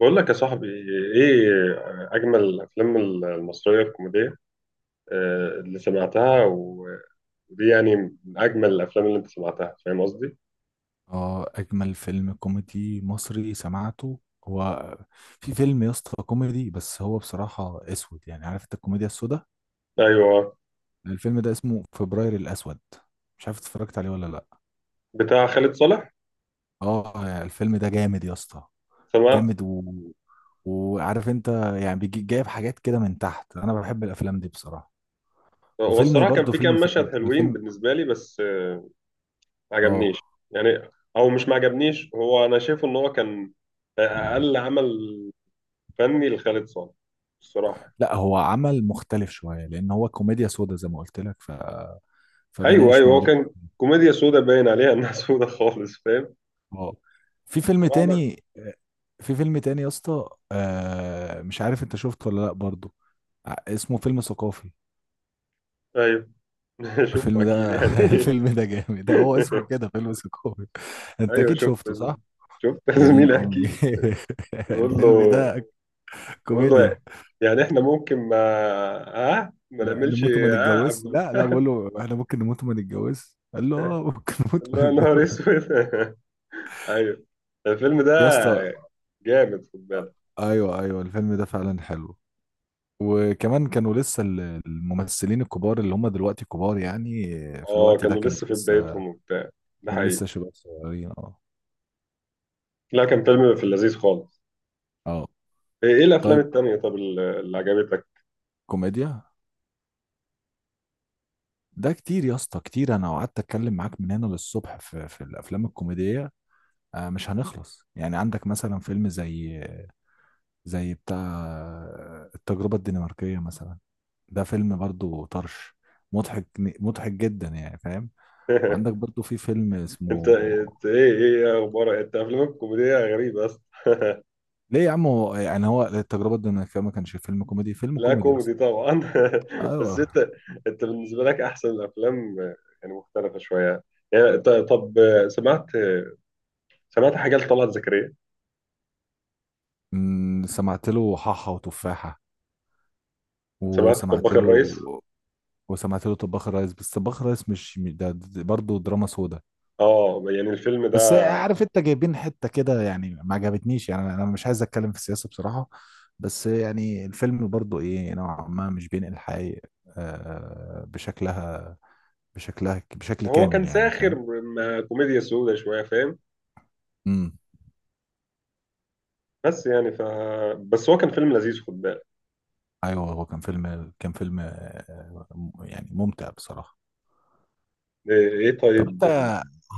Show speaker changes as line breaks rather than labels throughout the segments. بقول لك يا صاحبي، ايه اجمل الافلام المصريه الكوميديه اللي سمعتها ودي يعني من اجمل الافلام اللي انت سمعتها، فاهم قصدي؟
اه، اجمل فيلم كوميدي مصري سمعته هو. في فيلم يا اسطى كوميدي، بس هو بصراحة اسود، يعني عارف انت الكوميديا السوداء.
ايوه،
الفيلم ده اسمه فبراير الاسود. مش عارف اتفرجت عليه ولا لا.
بتاع خالد صالح.
اه يعني الفيلم ده جامد يا اسطى،
سمعت.
جامد و... وعارف انت، يعني بيجي جايب حاجات كده من تحت، انا بحب الافلام دي بصراحة.
هو
وفيلم
الصراحه كان
برضه
في
فيلم
كام
في...
مشهد حلوين
والفيلم.
بالنسبه لي، بس ما عجبنيش
اه،
يعني. او مش ما عجبنيش، هو انا شايفه ان هو كان اقل عمل فني لخالد صالح الصراحه.
لا هو عمل مختلف شوية لان هو كوميديا سوداء زي ما قلت لك،
ايوه
فبيناقش
ايوه، هو
مواضيع.
كان كوميديا سودا، باين عليها انها سودا خالص، فاهم.
اه، في فيلم
الصراحه انا،
تاني في فيلم تاني يا اسطى، مش عارف انت شفته ولا لا برضو. اسمه فيلم ثقافي.
ايوه شفته
الفيلم
اكيد
ده
يعني.
الفيلم ده جامد، ده هو اسمه كده فيلم ثقافي. انت
ايوه
اكيد
شفت يا
شفته صح؟
زميلي، شفت يا
يا دين
زميلي
امي.
اكيد. بيقول له،
الفيلم ده
بيقول له
كوميديا.
إيه؟ يعني احنا ممكن ما، ها ما نعملش
نموت وما
ها
نتجوزش،
قبل.
لا لا، بقول له احنا ممكن نموت وما نتجوزش، قال له اه ممكن نموت وما
الله يا نهار
نتجوزش.
اسود. ايوه، الفيلم
يا اسطى.
ده جامد، خد بالك.
ايوه ايوه، الفيلم ده فعلا حلو. وكمان كانوا لسه، الممثلين الكبار اللي هم دلوقتي كبار، يعني في
اه
الوقت ده
كانوا لسه في بدايتهم وبتاع، ده
كانوا
حقيقي.
لسه شباب صغيرين اه.
لا كان فيلم في اللذيذ خالص.
اه
ايه إيه الافلام
طيب،
التانية؟ طب اللي عجبتك؟
كوميديا. ده كتير يا اسطى كتير، انا قعدت اتكلم معاك من هنا للصبح في الافلام الكوميديه. مش هنخلص. يعني عندك مثلا فيلم زي، بتاع التجربه الدنماركيه مثلا. ده فيلم برضو طرش، مضحك مضحك جدا يعني، فاهم؟ وعندك برضو في فيلم
انت
اسمه...
إنت ايه ايه اخبارك؟ انت افلامك كوميدية غريبة.
ليه يا عم؟ هو يعني هو التجربة دي ما كانش فيلم كوميدي، فيلم
لا
كوميدي
كوميدي
أصلا.
طبعا. بس
أيوه.
انت، انت بالنسبه لك احسن الافلام يعني مختلفه شويه يعني. طب سمعت، سمعت حاجه لطلعت زكريا؟
سمعت له حاحة وتفاحة.
سمعت
وسمعت
طباخ
له
الرئيس؟
وسمعت له طباخ الريس، بس طباخ الريس ده برضه دراما سودا.
اه يعني الفيلم ده،
بس عارف انت، جايبين حتة كده يعني، ما عجبتنيش. يعني انا مش عايز اتكلم في السياسة بصراحة. بس يعني الفيلم برضه ايه، نوعا ما مش بينقل الحقيقة، بشكلها، بشكل
هو
كامل
كان
يعني،
ساخر،
فاهم؟
كوميديا سودة شويه، فاهم.
امم.
بس يعني ف، بس هو كان فيلم لذيذ، خد بالك.
ايوه، هو كان فيلم، يعني ممتع بصراحه.
ايه إيه
طب
طيب
انت،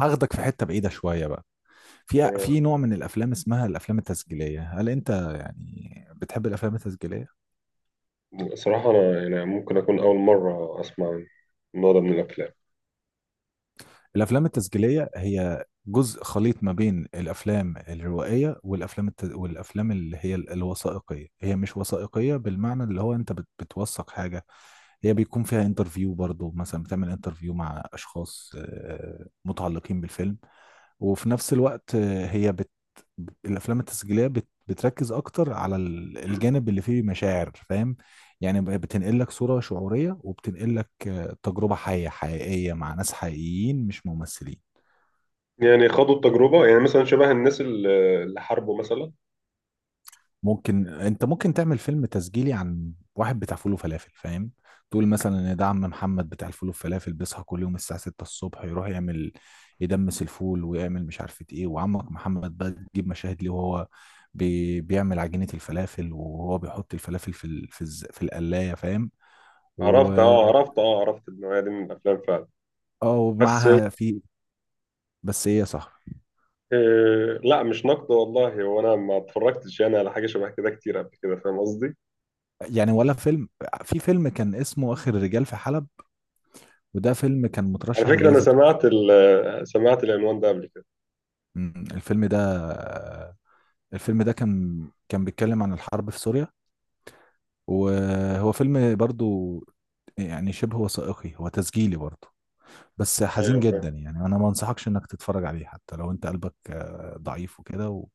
هاخدك في حته بعيده شويه بقى. في
أنا-
في نوع من الافلام اسمها الافلام التسجيليه، هل انت يعني بتحب الافلام التسجيليه؟
صراحه انا يعني ممكن اكون اول مره اسمع النوع ده من الافلام.
الافلام التسجيليه هي جزء خليط ما بين الافلام الروائيه والافلام والافلام اللي هي الوثائقيه. هي مش وثائقيه بالمعنى اللي هو انت بتوثق حاجه. هي بيكون فيها انترفيو برضو، مثلا بتعمل انترفيو مع اشخاص متعلقين بالفيلم. وفي نفس الوقت الافلام التسجيليه بتركز اكتر على الجانب اللي فيه مشاعر، فاهم؟ يعني بتنقل لك صوره شعوريه، وبتنقل لك تجربه حيه حقيقيه مع ناس حقيقيين مش ممثلين.
يعني خدوا التجربه يعني، مثلا شبه الناس اللي حاربوا مثلا.
ممكن تعمل فيلم تسجيلي عن واحد بتاع فول وفلافل، فاهم؟ تقول مثلا ان ده عم محمد بتاع الفول والفلافل، بيصحى كل يوم الساعة 6 الصبح يروح يعمل، يدمس الفول ويعمل مش عارفة ايه. وعمك محمد بقى تجيب مشاهد ليه وهو بيعمل عجينة الفلافل، وهو بيحط الفلافل في في القلاية، فاهم؟ و...
عرفت اه، عرفت اه، عرفت النوعية دي من الأفلام فعلا.
اه
بس
ومعاها في... بس ايه يا صاحبي؟
آه لا، مش نقد والله، هو أنا ما اتفرجتش يعني على حاجة شبه كده كتير قبل كده، فاهم قصدي؟
يعني ولا فيلم... في فيلم كان اسمه اخر الرجال في حلب، وده فيلم كان
على
مترشح
فكرة أنا
لجائزة أوسكار.
سمعت سمعت العنوان ده قبل كده.
الفيلم ده، الفيلم ده كان، بيتكلم عن الحرب في سوريا. وهو فيلم برضو يعني شبه وثائقي، هو تسجيلي برضو، بس حزين
أيوه فاهم.
جدا. يعني انا ما انصحكش انك تتفرج عليه، حتى لو انت قلبك ضعيف وكده و...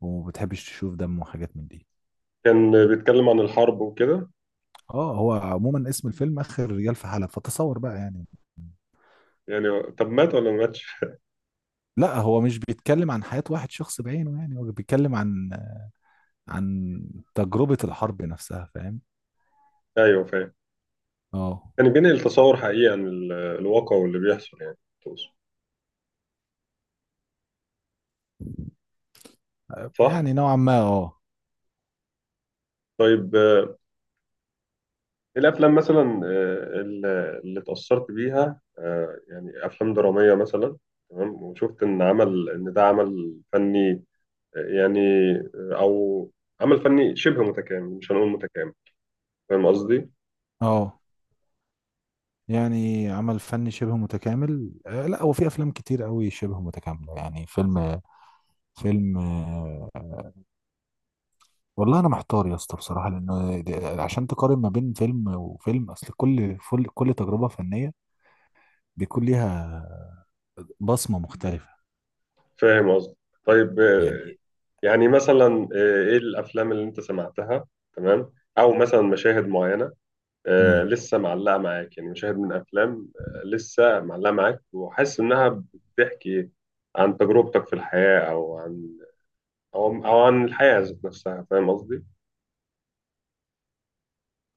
وبتحبش تشوف دم وحاجات من دي.
كان بيتكلم عن الحرب وكده.
اه، هو عموما اسم الفيلم اخر رجال في حلب، فتصور بقى يعني.
يعني طب مات ولا ما ماتش؟
لا هو مش بيتكلم عن حياة واحد شخص بعينه، يعني هو بيتكلم عن، عن تجربة الحرب نفسها، فاهم؟
أيوه فاهم.
اه.
كان بينقل تصور حقيقي عن الواقع واللي بيحصل يعني. تقصد؟ صح؟
يعني نوعا ما اه.
طيب الأفلام مثلا اللي اتأثرت بيها يعني أفلام درامية مثلا، تمام، وشفت إن عمل إن ده عمل فني، يعني أو عمل فني شبه متكامل، مش هنقول متكامل، فاهم قصدي؟
اه يعني عمل فني شبه متكامل، لا هو في افلام كتير قوي شبه متكامله، يعني فيلم، فيلم آه، والله انا محتار يا اسطى بصراحه، لانه عشان تقارن ما بين فيلم وفيلم، اصل كل كل تجربه فنيه بيكون ليها بصمه مختلفه
فاهم قصدي. طيب
يعني.
يعني مثلا إيه الأفلام اللي أنت سمعتها؟ تمام. أو مثلا مشاهد معينة
مم.
لسه معلقة معاك، يعني مشاهد من أفلام لسه معلقة معاك، وحاسس إنها بتحكي عن تجربتك في الحياة، أو عن، او او عن الحياه ذات نفسها، فاهم قصدي.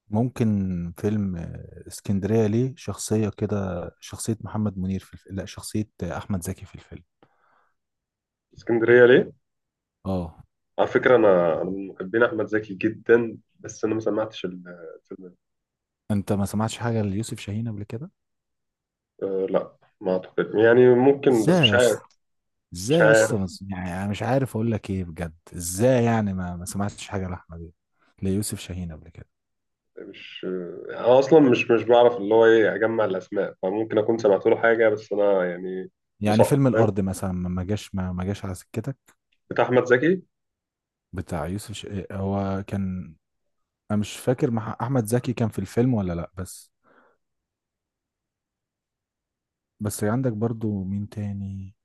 ممكن فيلم اسكندريه ليه، شخصيه كده، شخصيه محمد منير في الفيلم، لا شخصيه احمد زكي في الفيلم.
اسكندريه ليه؟
اه.
على فكره انا من محبين احمد زكي جدا، بس انا ما سمعتش الفيلم ده.
انت ما سمعتش حاجه ليوسف شاهين قبل كده؟
أه لا ما اعتقد، يعني ممكن بس
ازاي
مش
يا
عارف،
اسطى؟
مش
ازاي يا اسطى؟
عارف.
ما س- يعني انا مش عارف اقول لك ايه بجد. ازاي يعني ما سمعتش حاجه لاحمد إيه؟ ليوسف شاهين قبل كده.
مش آه، انا اصلا مش بعرف اللي هو ايه اجمع الاسماء، فممكن اكون سمعت له حاجه، بس انا يعني.
يعني
مسقط،
فيلم
فاهم؟
الارض مثلا ما جاش، ما جاش على سكتك.
بتاع احمد زكي.
بتاع يوسف هو كان... انا مش فاكر مع احمد زكي كان في الفيلم ولا لا. بس، عندك برضو مين تاني،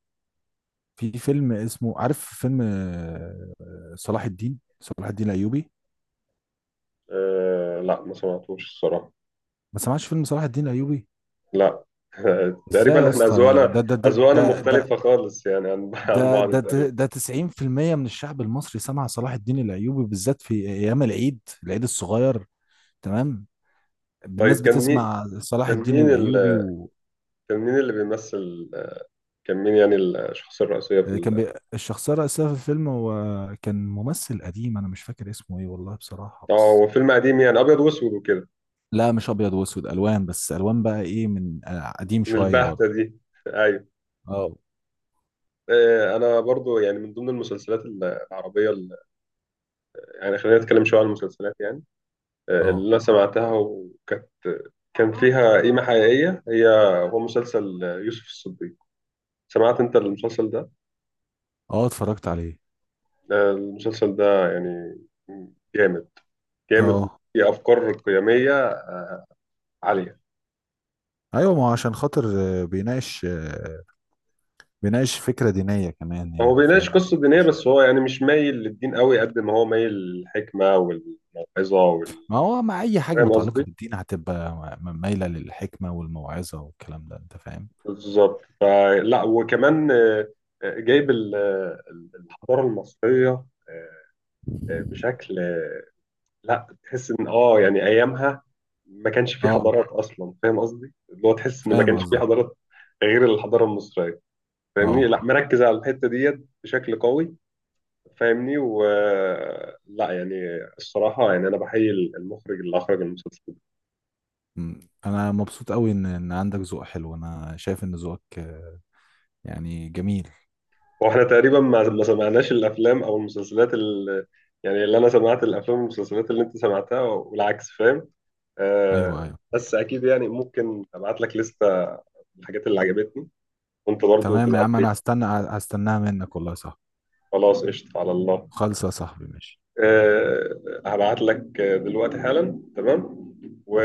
في فيلم اسمه، عارف فيلم صلاح الدين، صلاح الدين الايوبي.
أه لا ما سمعتوش الصراحه.
ما سمعتش فيلم صلاح الدين الايوبي؟
لا.
ازاي
تقريبا
يا
احنا
اسطى؟
اذواقنا اذواقنا مختلفه خالص يعني عن عن
ده
بعض
ده
تقريبا.
ده 90% من الشعب المصري سمع صلاح الدين الايوبي، بالذات في ايام العيد، العيد الصغير. تمام، الناس
طيب كان مين،
بتسمع صلاح
كان
الدين
مين ال،
الايوبي.
كان مين اللي بيمثل، كان مين يعني الشخصية الرئيسية في
وكان
ال...؟
الشخصيه الرئيسيه في الفيلم هو، كان ممثل قديم. انا مش فاكر اسمه ايه والله بصراحه.
اه
بس
هو فيلم قديم يعني أبيض وأسود وكده؟
لا مش ابيض واسود، الوان بس، الوان بقى ايه، من قديم
من
شويه
البهتة
برضه.
دي. أيوه.
اه.
أنا برضو يعني من ضمن المسلسلات العربية يعني خلينا نتكلم شوية عن المسلسلات، يعني اللي
اه.
أنا سمعتها وكانت كان فيها قيمة حقيقية، هي هو مسلسل يوسف الصديق. سمعت أنت المسلسل ده؟
اه اتفرجت عليه
المسلسل ده يعني جامد، جامد
اه.
وفيه أفكار قيمية عالية.
ايوه، ما هو عشان خاطر بيناقش، بيناقش فكره دينيه كمان،
هو
يعني
بيناقش
فاهم؟
قصة دينية، بس هو يعني مش مايل للدين قوي قد ما هو مايل للحكمة والموعظة وال،
ما هو مع اي حاجه
فاهم
متعلقه
قصدي؟
بالدين هتبقى مايله للحكمه والموعظه والكلام ده، انت فاهم.
بالظبط، فلا. وكمان جايب الحضارة المصرية آه، بشكل لا، تحس ان اه يعني ايامها ما كانش في
اه
حضارات اصلا، فاهم قصدي؟ اللي هو تحس ان ما
فاهم
كانش في
قصدك.
حضارات غير الحضارة المصرية، فاهمني؟
اه.
لا مركز على الحتة ديت بشكل قوي، فاهمني. و، لا يعني الصراحة يعني أنا بحيي المخرج اللي أخرج المسلسل ده.
انا مبسوط قوي ان عندك ذوق حلو. انا شايف ان ذوقك يعني جميل.
وإحنا تقريبا ما سمعناش الأفلام أو المسلسلات اللي، يعني اللي أنا سمعت الأفلام والمسلسلات اللي أنت سمعتها والعكس، فاهم.
ايوه
آه
ايوه.
بس أكيد، يعني ممكن أبعت لك لستة الحاجات اللي عجبتني وأنت برضو
تمام يا
تبعت
عم،
لي.
انا هستناها منك والله. صح.
خلاص، قشطة، على الله.
خالصه يا صاحبي ماشي.
آه، هبعت لك دلوقتي حالا تمام.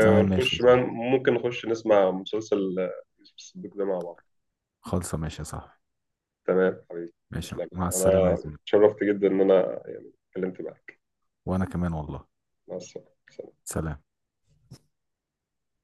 تمام ماشي يا
بقى،
زميلي.
ممكن نخش نسمع مسلسل يوسف الصديق ده مع بعض.
خالصه ماشي يا صاحبي.
تمام حبيبي،
ماشي،
تسلم.
مع السلامه
أنا
يا زميلي.
اتشرفت جدا إن أنا يعني اتكلمت معاك.
وانا كمان والله.
مع السلامة.
سلام.